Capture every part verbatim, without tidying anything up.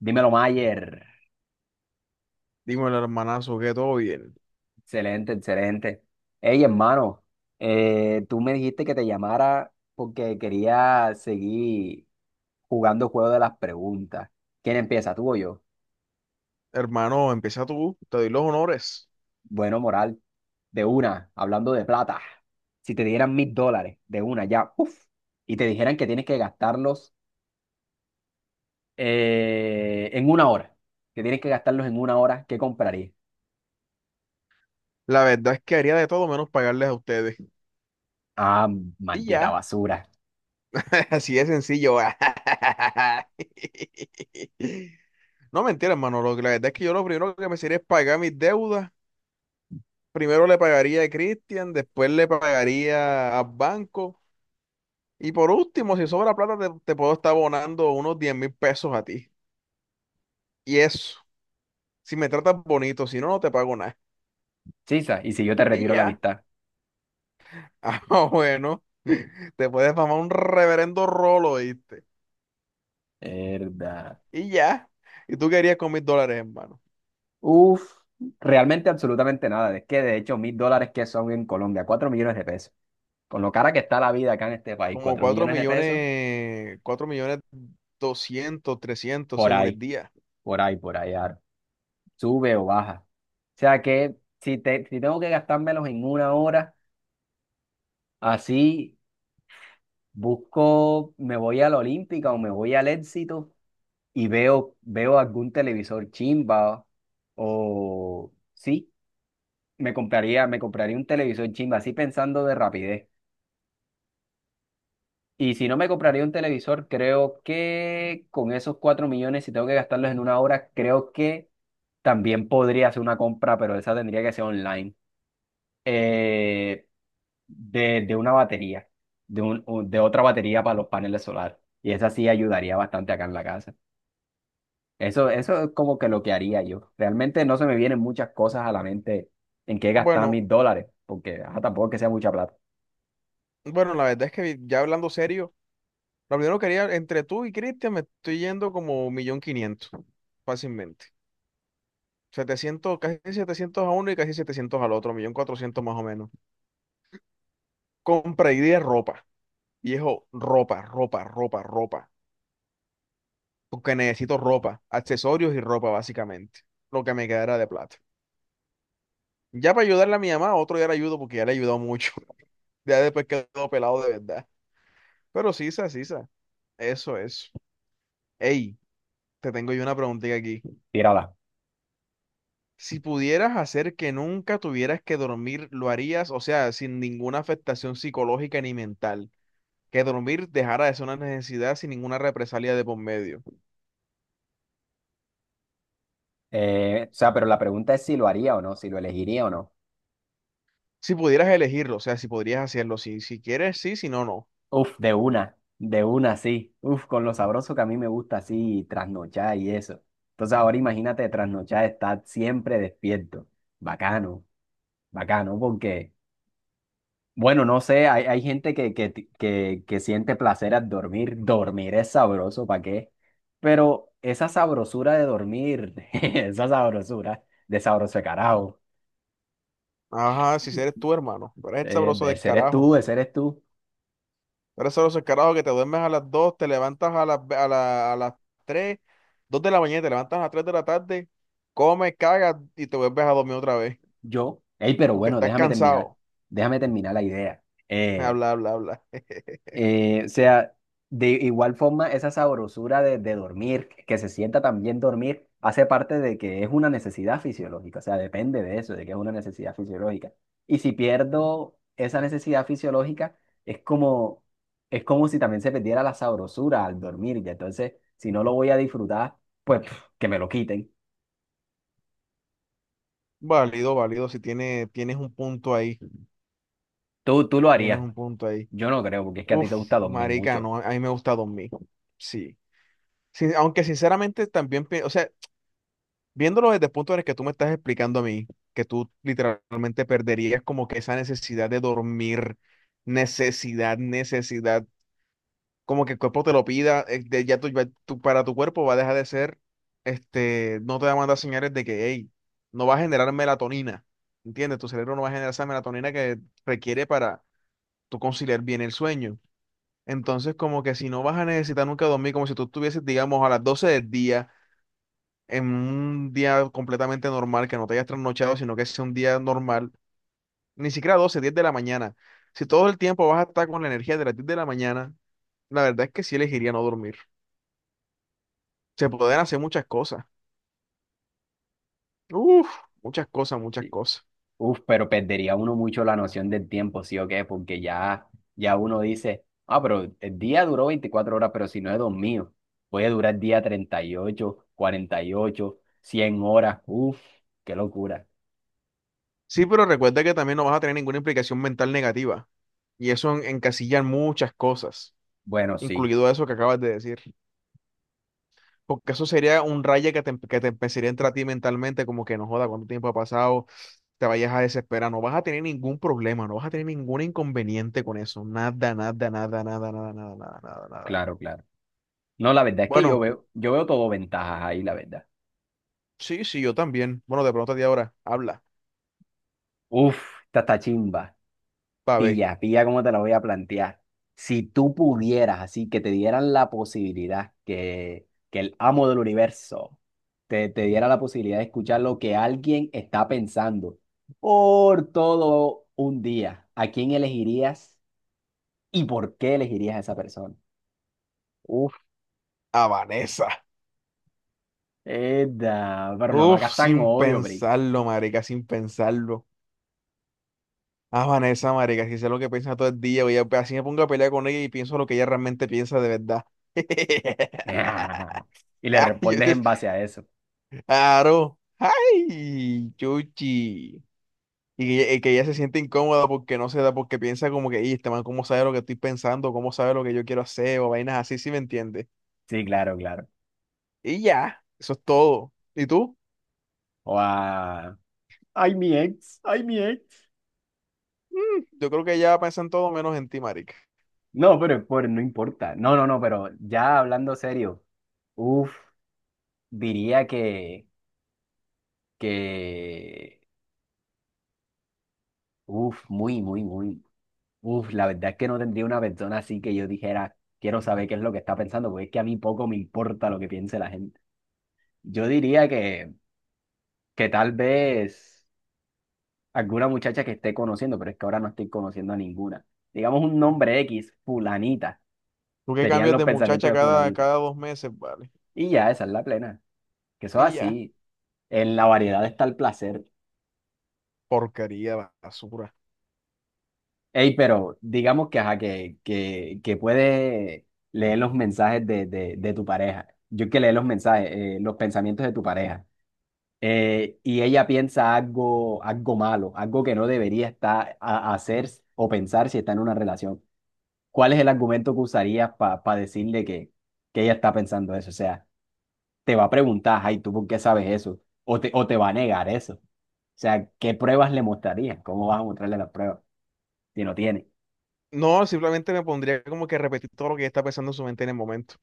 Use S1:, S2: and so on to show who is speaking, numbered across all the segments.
S1: Dímelo, Mayer.
S2: Dímelo, hermanazo, que todo bien.
S1: Excelente, excelente. Hey, hermano, eh, tú me dijiste que te llamara porque quería seguir jugando juego de las preguntas. ¿Quién empieza, tú o yo?
S2: Hermano, empieza tú, te doy los honores.
S1: Bueno, moral, de una, hablando de plata. Si te dieran mil dólares de una ya, uf, y te dijeran que tienes que gastarlos eh, en una hora, que tienes que gastarlos en una hora, ¿qué comprarías?
S2: La verdad es que haría de todo menos pagarles a ustedes.
S1: Ah,
S2: Y
S1: maldita
S2: ya,
S1: basura.
S2: así de sencillo. No mentira, hermano. Lo que- la verdad es que yo lo primero que me sería es pagar mis deudas. Primero le pagaría a Cristian, después le pagaría al banco. Y por último, si sobra plata, te, te puedo estar abonando unos diez mil pesos a ti. Y eso, si me tratas bonito, si no, no te pago nada.
S1: Chisa, y si yo te
S2: Y
S1: retiro la
S2: ya.
S1: amistad.
S2: Ah, bueno, te puedes mamar un reverendo rolo, ¿viste?
S1: Verdad.
S2: Y ya. ¿Y tú querías con mil dólares, hermano?
S1: Uf, realmente absolutamente nada. Es que de hecho, mil dólares que son en Colombia, cuatro millones de pesos. Con lo cara que está la vida acá en este país,
S2: Como
S1: cuatro
S2: cuatro
S1: millones de pesos,
S2: millones, cuatro millones doscientos, trescientos,
S1: por
S2: según el
S1: ahí,
S2: día.
S1: por ahí, por ahí, ar- sube o baja. O sea que si, te, si tengo que gastármelos en una hora, así busco, me voy a la Olímpica o me voy al Éxito y veo, veo algún televisor chimba o sí, me compraría, me compraría un televisor chimba, así pensando de rapidez. Y si no me compraría un televisor, creo que con esos cuatro millones, si tengo que gastarlos en una hora, creo que también podría hacer una compra, pero esa tendría que ser online, eh, de, de una batería, de, un, un- de otra batería para los paneles solares. Y esa sí ayudaría bastante acá en la casa. Eso, eso es como que lo que haría yo. Realmente no se me vienen muchas cosas a la mente en qué gastar
S2: Bueno,
S1: mis dólares, porque ajá, tampoco es que sea mucha plata.
S2: bueno, la verdad es que ya hablando serio, lo primero que haría entre tú y Cristian me estoy yendo como un millón quinientos, fácilmente. Setecientos, casi setecientos a uno y casi setecientos al otro, un millón cuatrocientos más o menos. Compra y de ropa. Viejo, ropa, ropa, ropa, ropa, porque necesito ropa, accesorios y ropa básicamente, lo que me quedara de plata. Ya para ayudarle a mi mamá, otro día le ayudo porque ya le he ayudado mucho. Ya después quedó pelado de verdad. Pero sisa, sisa, eso es. Ey, te tengo yo una preguntita aquí.
S1: Tírala.
S2: Si pudieras hacer que nunca tuvieras que dormir, ¿lo harías? O sea, sin ninguna afectación psicológica ni mental. Que dormir dejara de ser una necesidad sin ninguna represalia de por medio.
S1: Eh, o sea, pero la pregunta es si lo haría o no, si lo elegiría o no.
S2: Si pudieras elegirlo, o sea, si podrías hacerlo, si, si quieres, sí, si no, no.
S1: Uf, de una, de una, sí. Uf, con lo sabroso que a mí me gusta así trasnochar y eso. Entonces ahora imagínate trasnochar, estar siempre despierto. Bacano, bacano, porque, bueno, no sé, hay, hay gente que, que, que, que siente placer al dormir. Dormir es sabroso, ¿para qué? Pero esa sabrosura de dormir, esa sabrosura de sabroso de carajo,
S2: Ajá, si eres tú, hermano. Tú eres el
S1: eh,
S2: sabroso
S1: de
S2: del
S1: seres
S2: carajo.
S1: tú, de seres tú,
S2: Eres el sabroso del carajo que te duermes a las dos te levantas a las, ve- a la- a las tres dos de la mañana, te levantas a las tres de la tarde, comes, cagas y te vuelves a dormir otra vez
S1: yo. Ey, pero
S2: porque
S1: bueno,
S2: estás
S1: déjame terminar,
S2: cansado.
S1: déjame terminar la idea. Eh,
S2: Habla, habla, habla.
S1: Eh, o sea, de igual forma, esa sabrosura de, de dormir, que se sienta también dormir, hace parte de que es una necesidad fisiológica, o sea, depende de eso, de que es una necesidad fisiológica. Y si pierdo esa necesidad fisiológica, es como, es como si también se perdiera la sabrosura al dormir, y entonces, si no lo voy a disfrutar, pues pf, que me lo quiten.
S2: Válido, válido. Si tiene, tienes un punto ahí,
S1: Tú, tú lo
S2: tienes
S1: harías,
S2: un punto ahí.
S1: yo no creo, porque es que a ti
S2: Uf,
S1: te gusta dormir
S2: marica,
S1: mucho.
S2: no, a mí me gusta dormir. Sí. Sí, aunque sinceramente también, pi- o sea, viéndolo desde el punto en el que tú me estás explicando a mí, que tú literalmente perderías como que esa necesidad de dormir, necesidad, necesidad, como que el cuerpo te lo pida, eh, de- ya tú ya tú para tu cuerpo va a dejar de ser, este, no te va a mandar señales de que, hey, no va a generar melatonina, ¿entiendes? Tu cerebro no va a generar esa melatonina que requiere para tú conciliar bien el sueño. Entonces, como que si no vas a necesitar nunca dormir, como si tú estuvieses, digamos, a las doce del día en un día completamente normal, que no te hayas trasnochado, sino que sea un día normal, ni siquiera doce diez de la mañana. Si todo el tiempo vas a estar con la energía de las diez de la mañana, la verdad es que sí elegiría no dormir. Se pueden hacer muchas cosas. Uf, muchas cosas, muchas cosas.
S1: Uf, pero perdería uno mucho la noción del tiempo, ¿sí o qué? Porque ya, ya uno dice, ah, pero el día duró veinticuatro horas, pero si no he dormido, puede durar día treinta y ocho, cuarenta y ocho, cien horas. Uf, qué locura.
S2: Sí, pero recuerda que también no vas a tener ninguna implicación mental negativa. Y eso en- encasilla muchas cosas,
S1: Bueno, sí,
S2: incluido eso que acabas de decir. Porque eso sería un raye que te, em, que te empezaría a entrar a ti mentalmente, como que no joda, cuánto tiempo ha pasado, te vayas a desesperar, no vas a tener ningún problema, no vas a tener ningún inconveniente con eso, nada, nada, nada, nada, nada, nada, nada, nada, nada.
S1: claro, claro. No, la verdad es que yo
S2: Bueno,
S1: veo, yo veo todo ventajas ahí, la verdad.
S2: sí, sí, yo también. Bueno, de pronto a ti ahora, habla,
S1: Uf, esta está chimba.
S2: pa' ver.
S1: Pilla, pilla cómo te lo voy a plantear. Si tú pudieras, así que te dieran la posibilidad que, que el amo del universo te, te diera la posibilidad de escuchar lo que alguien está pensando por todo un día, ¿a quién elegirías y por qué elegirías a esa persona?
S2: Uf, a Vanessa.
S1: Edda, pero no lo
S2: Uf,
S1: hagas tan
S2: sin
S1: obvio, Pri.
S2: pensarlo, marica, sin pensarlo. A Vanessa, marica, si sé lo que piensa todo el día, voy a, así me pongo a pelear con ella y pienso lo que ella realmente piensa de verdad.
S1: Y le
S2: Ah, yo
S1: respondes en base a eso.
S2: claro. ¡Ay! Chuchi. Y que, y que ella se siente incómoda porque no se da, porque piensa como que, y este man, ¿cómo sabe lo que estoy pensando? ¿Cómo sabe lo que yo quiero hacer? ¿O vainas así, si me entiendes?
S1: Sí, claro, claro.
S2: Y ya, eso es todo. ¿Y tú?
S1: O a... Ay, mi ex, ay, mi ex.
S2: Mm, yo creo que ella piensa en todo menos en ti, marica.
S1: No, pero es por, no importa. No, no, no, pero ya hablando serio, uff, diría que, que, uff, muy, muy, muy, uff, la verdad es que no tendría una persona así que yo dijera, quiero saber qué es lo que está pensando, porque es que a mí poco me importa lo que piense la gente. Yo diría que, que tal vez alguna muchacha que esté conociendo, pero es que ahora no estoy conociendo a ninguna. Digamos un nombre X, fulanita,
S2: Tú que
S1: serían
S2: cambias
S1: los
S2: de
S1: pensamientos
S2: muchacha
S1: de
S2: cada,
S1: fulanita.
S2: cada dos meses, vale.
S1: Y ya, esa es la plena, que eso es
S2: Y ya.
S1: así. En la variedad está el placer.
S2: Porquería, basura.
S1: Ey, pero digamos que, ajá, que, que, que puedes leer los mensajes de, de, de tu pareja. Yo que leo los mensajes, eh, los pensamientos de tu pareja. Eh, y ella piensa algo, algo malo, algo que no debería estar a, a hacer o pensar si está en una relación. ¿Cuál es el argumento que usarías para decirle que, que ella está pensando eso? O sea, te va a preguntar, ay, ¿tú por qué sabes eso? O te, o te va a negar eso. O sea, ¿qué pruebas le mostrarías? ¿Cómo vas a mostrarle las pruebas? Y no tiene.
S2: No, simplemente me pondría como que a repetir todo lo que ella está pensando en su mente en el momento.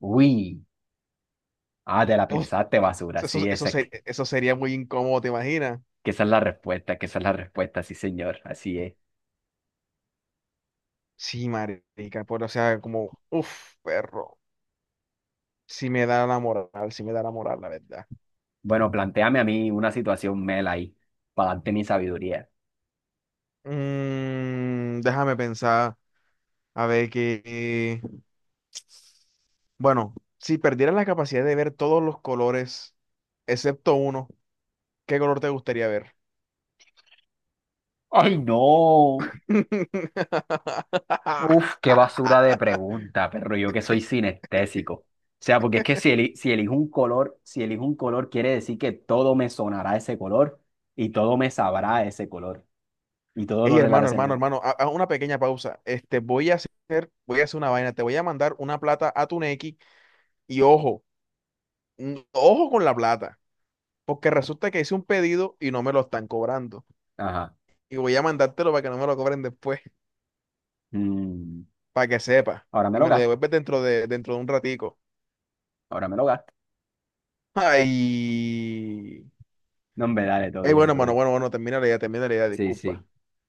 S1: Uy, ah, te la
S2: Uf,
S1: pensaste, basura.
S2: eso,
S1: Sí,
S2: eso,
S1: esa es,
S2: ser-
S1: que
S2: eso sería muy incómodo, ¿te imaginas?
S1: que esa es la respuesta, que esa es la respuesta, sí, señor, así es.
S2: Sí, marica, por, o sea, como, uff, perro, sí me da la moral, sí me da la moral, la verdad.
S1: Bueno, planteame a mí una situación mela ahí, para darte mi sabiduría.
S2: Mm, déjame pensar, a ver que, bueno, si perdieras la capacidad de ver todos los colores, excepto uno, ¿qué color te gustaría ver?
S1: ¡Ay, no! Uf, qué basura de pregunta, perro, yo que soy sinestésico. O sea, porque es que si, eli- si elijo un color, si elijo un color, quiere decir que todo me sonará ese color y todo me sabrá ese color y todo
S2: Ey,
S1: lo
S2: hermano, hermano,
S1: relacionaré.
S2: hermano, a, a una pequeña pausa. Este, voy a hacer, voy a hacer una vaina, te voy a mandar una plata a tu Nequi y ojo, mm, ojo con la plata. Porque resulta que hice un pedido y no me lo están cobrando.
S1: Ajá.
S2: Y voy a mandártelo para que no me lo cobren después,
S1: Mm,
S2: para que sepa.
S1: ahora me
S2: Y
S1: lo
S2: me lo
S1: gasto,
S2: devuelves dentro de, dentro de un ratico.
S1: ahora me lo gasto.
S2: Ay.
S1: No, hombre, dale, todo
S2: Ay,
S1: bien,
S2: bueno,
S1: todo
S2: hermano,
S1: bien.
S2: bueno, bueno, termina la idea, termina la idea,
S1: Sí,
S2: disculpa.
S1: sí.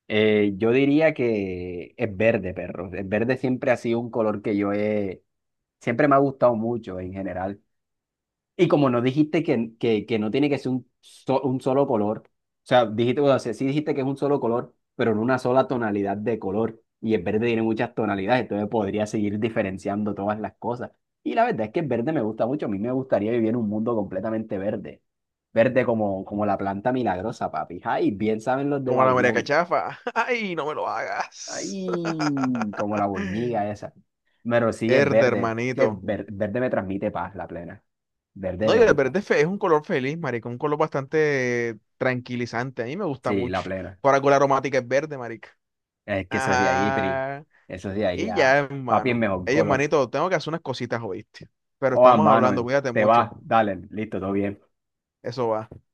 S1: Eh, yo diría que es verde, perro. El verde siempre ha sido un color que yo he... Siempre me ha gustado mucho en general. Y como no dijiste que, que, que no tiene que ser un, so- un solo color, o sea, dijiste, o sea sí dijiste que es un solo color, pero en una sola tonalidad de color. Y el verde tiene muchas tonalidades, entonces podría seguir diferenciando todas las cosas. Y la verdad es que el verde me gusta mucho. A mí me gustaría vivir en un mundo completamente verde. Verde como, como la planta milagrosa, papi. Ay, bien saben los de
S2: Como la María
S1: Babilón.
S2: Cachafa. Ay, no me lo hagas.
S1: Ay, como la boñiga esa. Pero sí es
S2: Verde,
S1: verde. Que
S2: hermanito.
S1: ver- verde me transmite paz, la plena. Verde
S2: No, y
S1: me
S2: el
S1: gusta.
S2: verde fe- es un color feliz, marica, un color bastante tranquilizante. A mí me gusta
S1: Sí, la
S2: mucho.
S1: plena.
S2: Por algo la aromática es verde, marica.
S1: Es que eso es de ahí, Pri.
S2: Ajá.
S1: Eso es de ahí.
S2: Y ya,
S1: Ah. Papi es
S2: hermano.
S1: mejor
S2: Ey,
S1: color.
S2: hermanito, tengo que hacer unas cositas, ¿oíste? Pero
S1: O a
S2: estamos
S1: mano,
S2: hablando, cuídate
S1: te
S2: mucho.
S1: vas, dale, listo, todo bien.
S2: Eso va.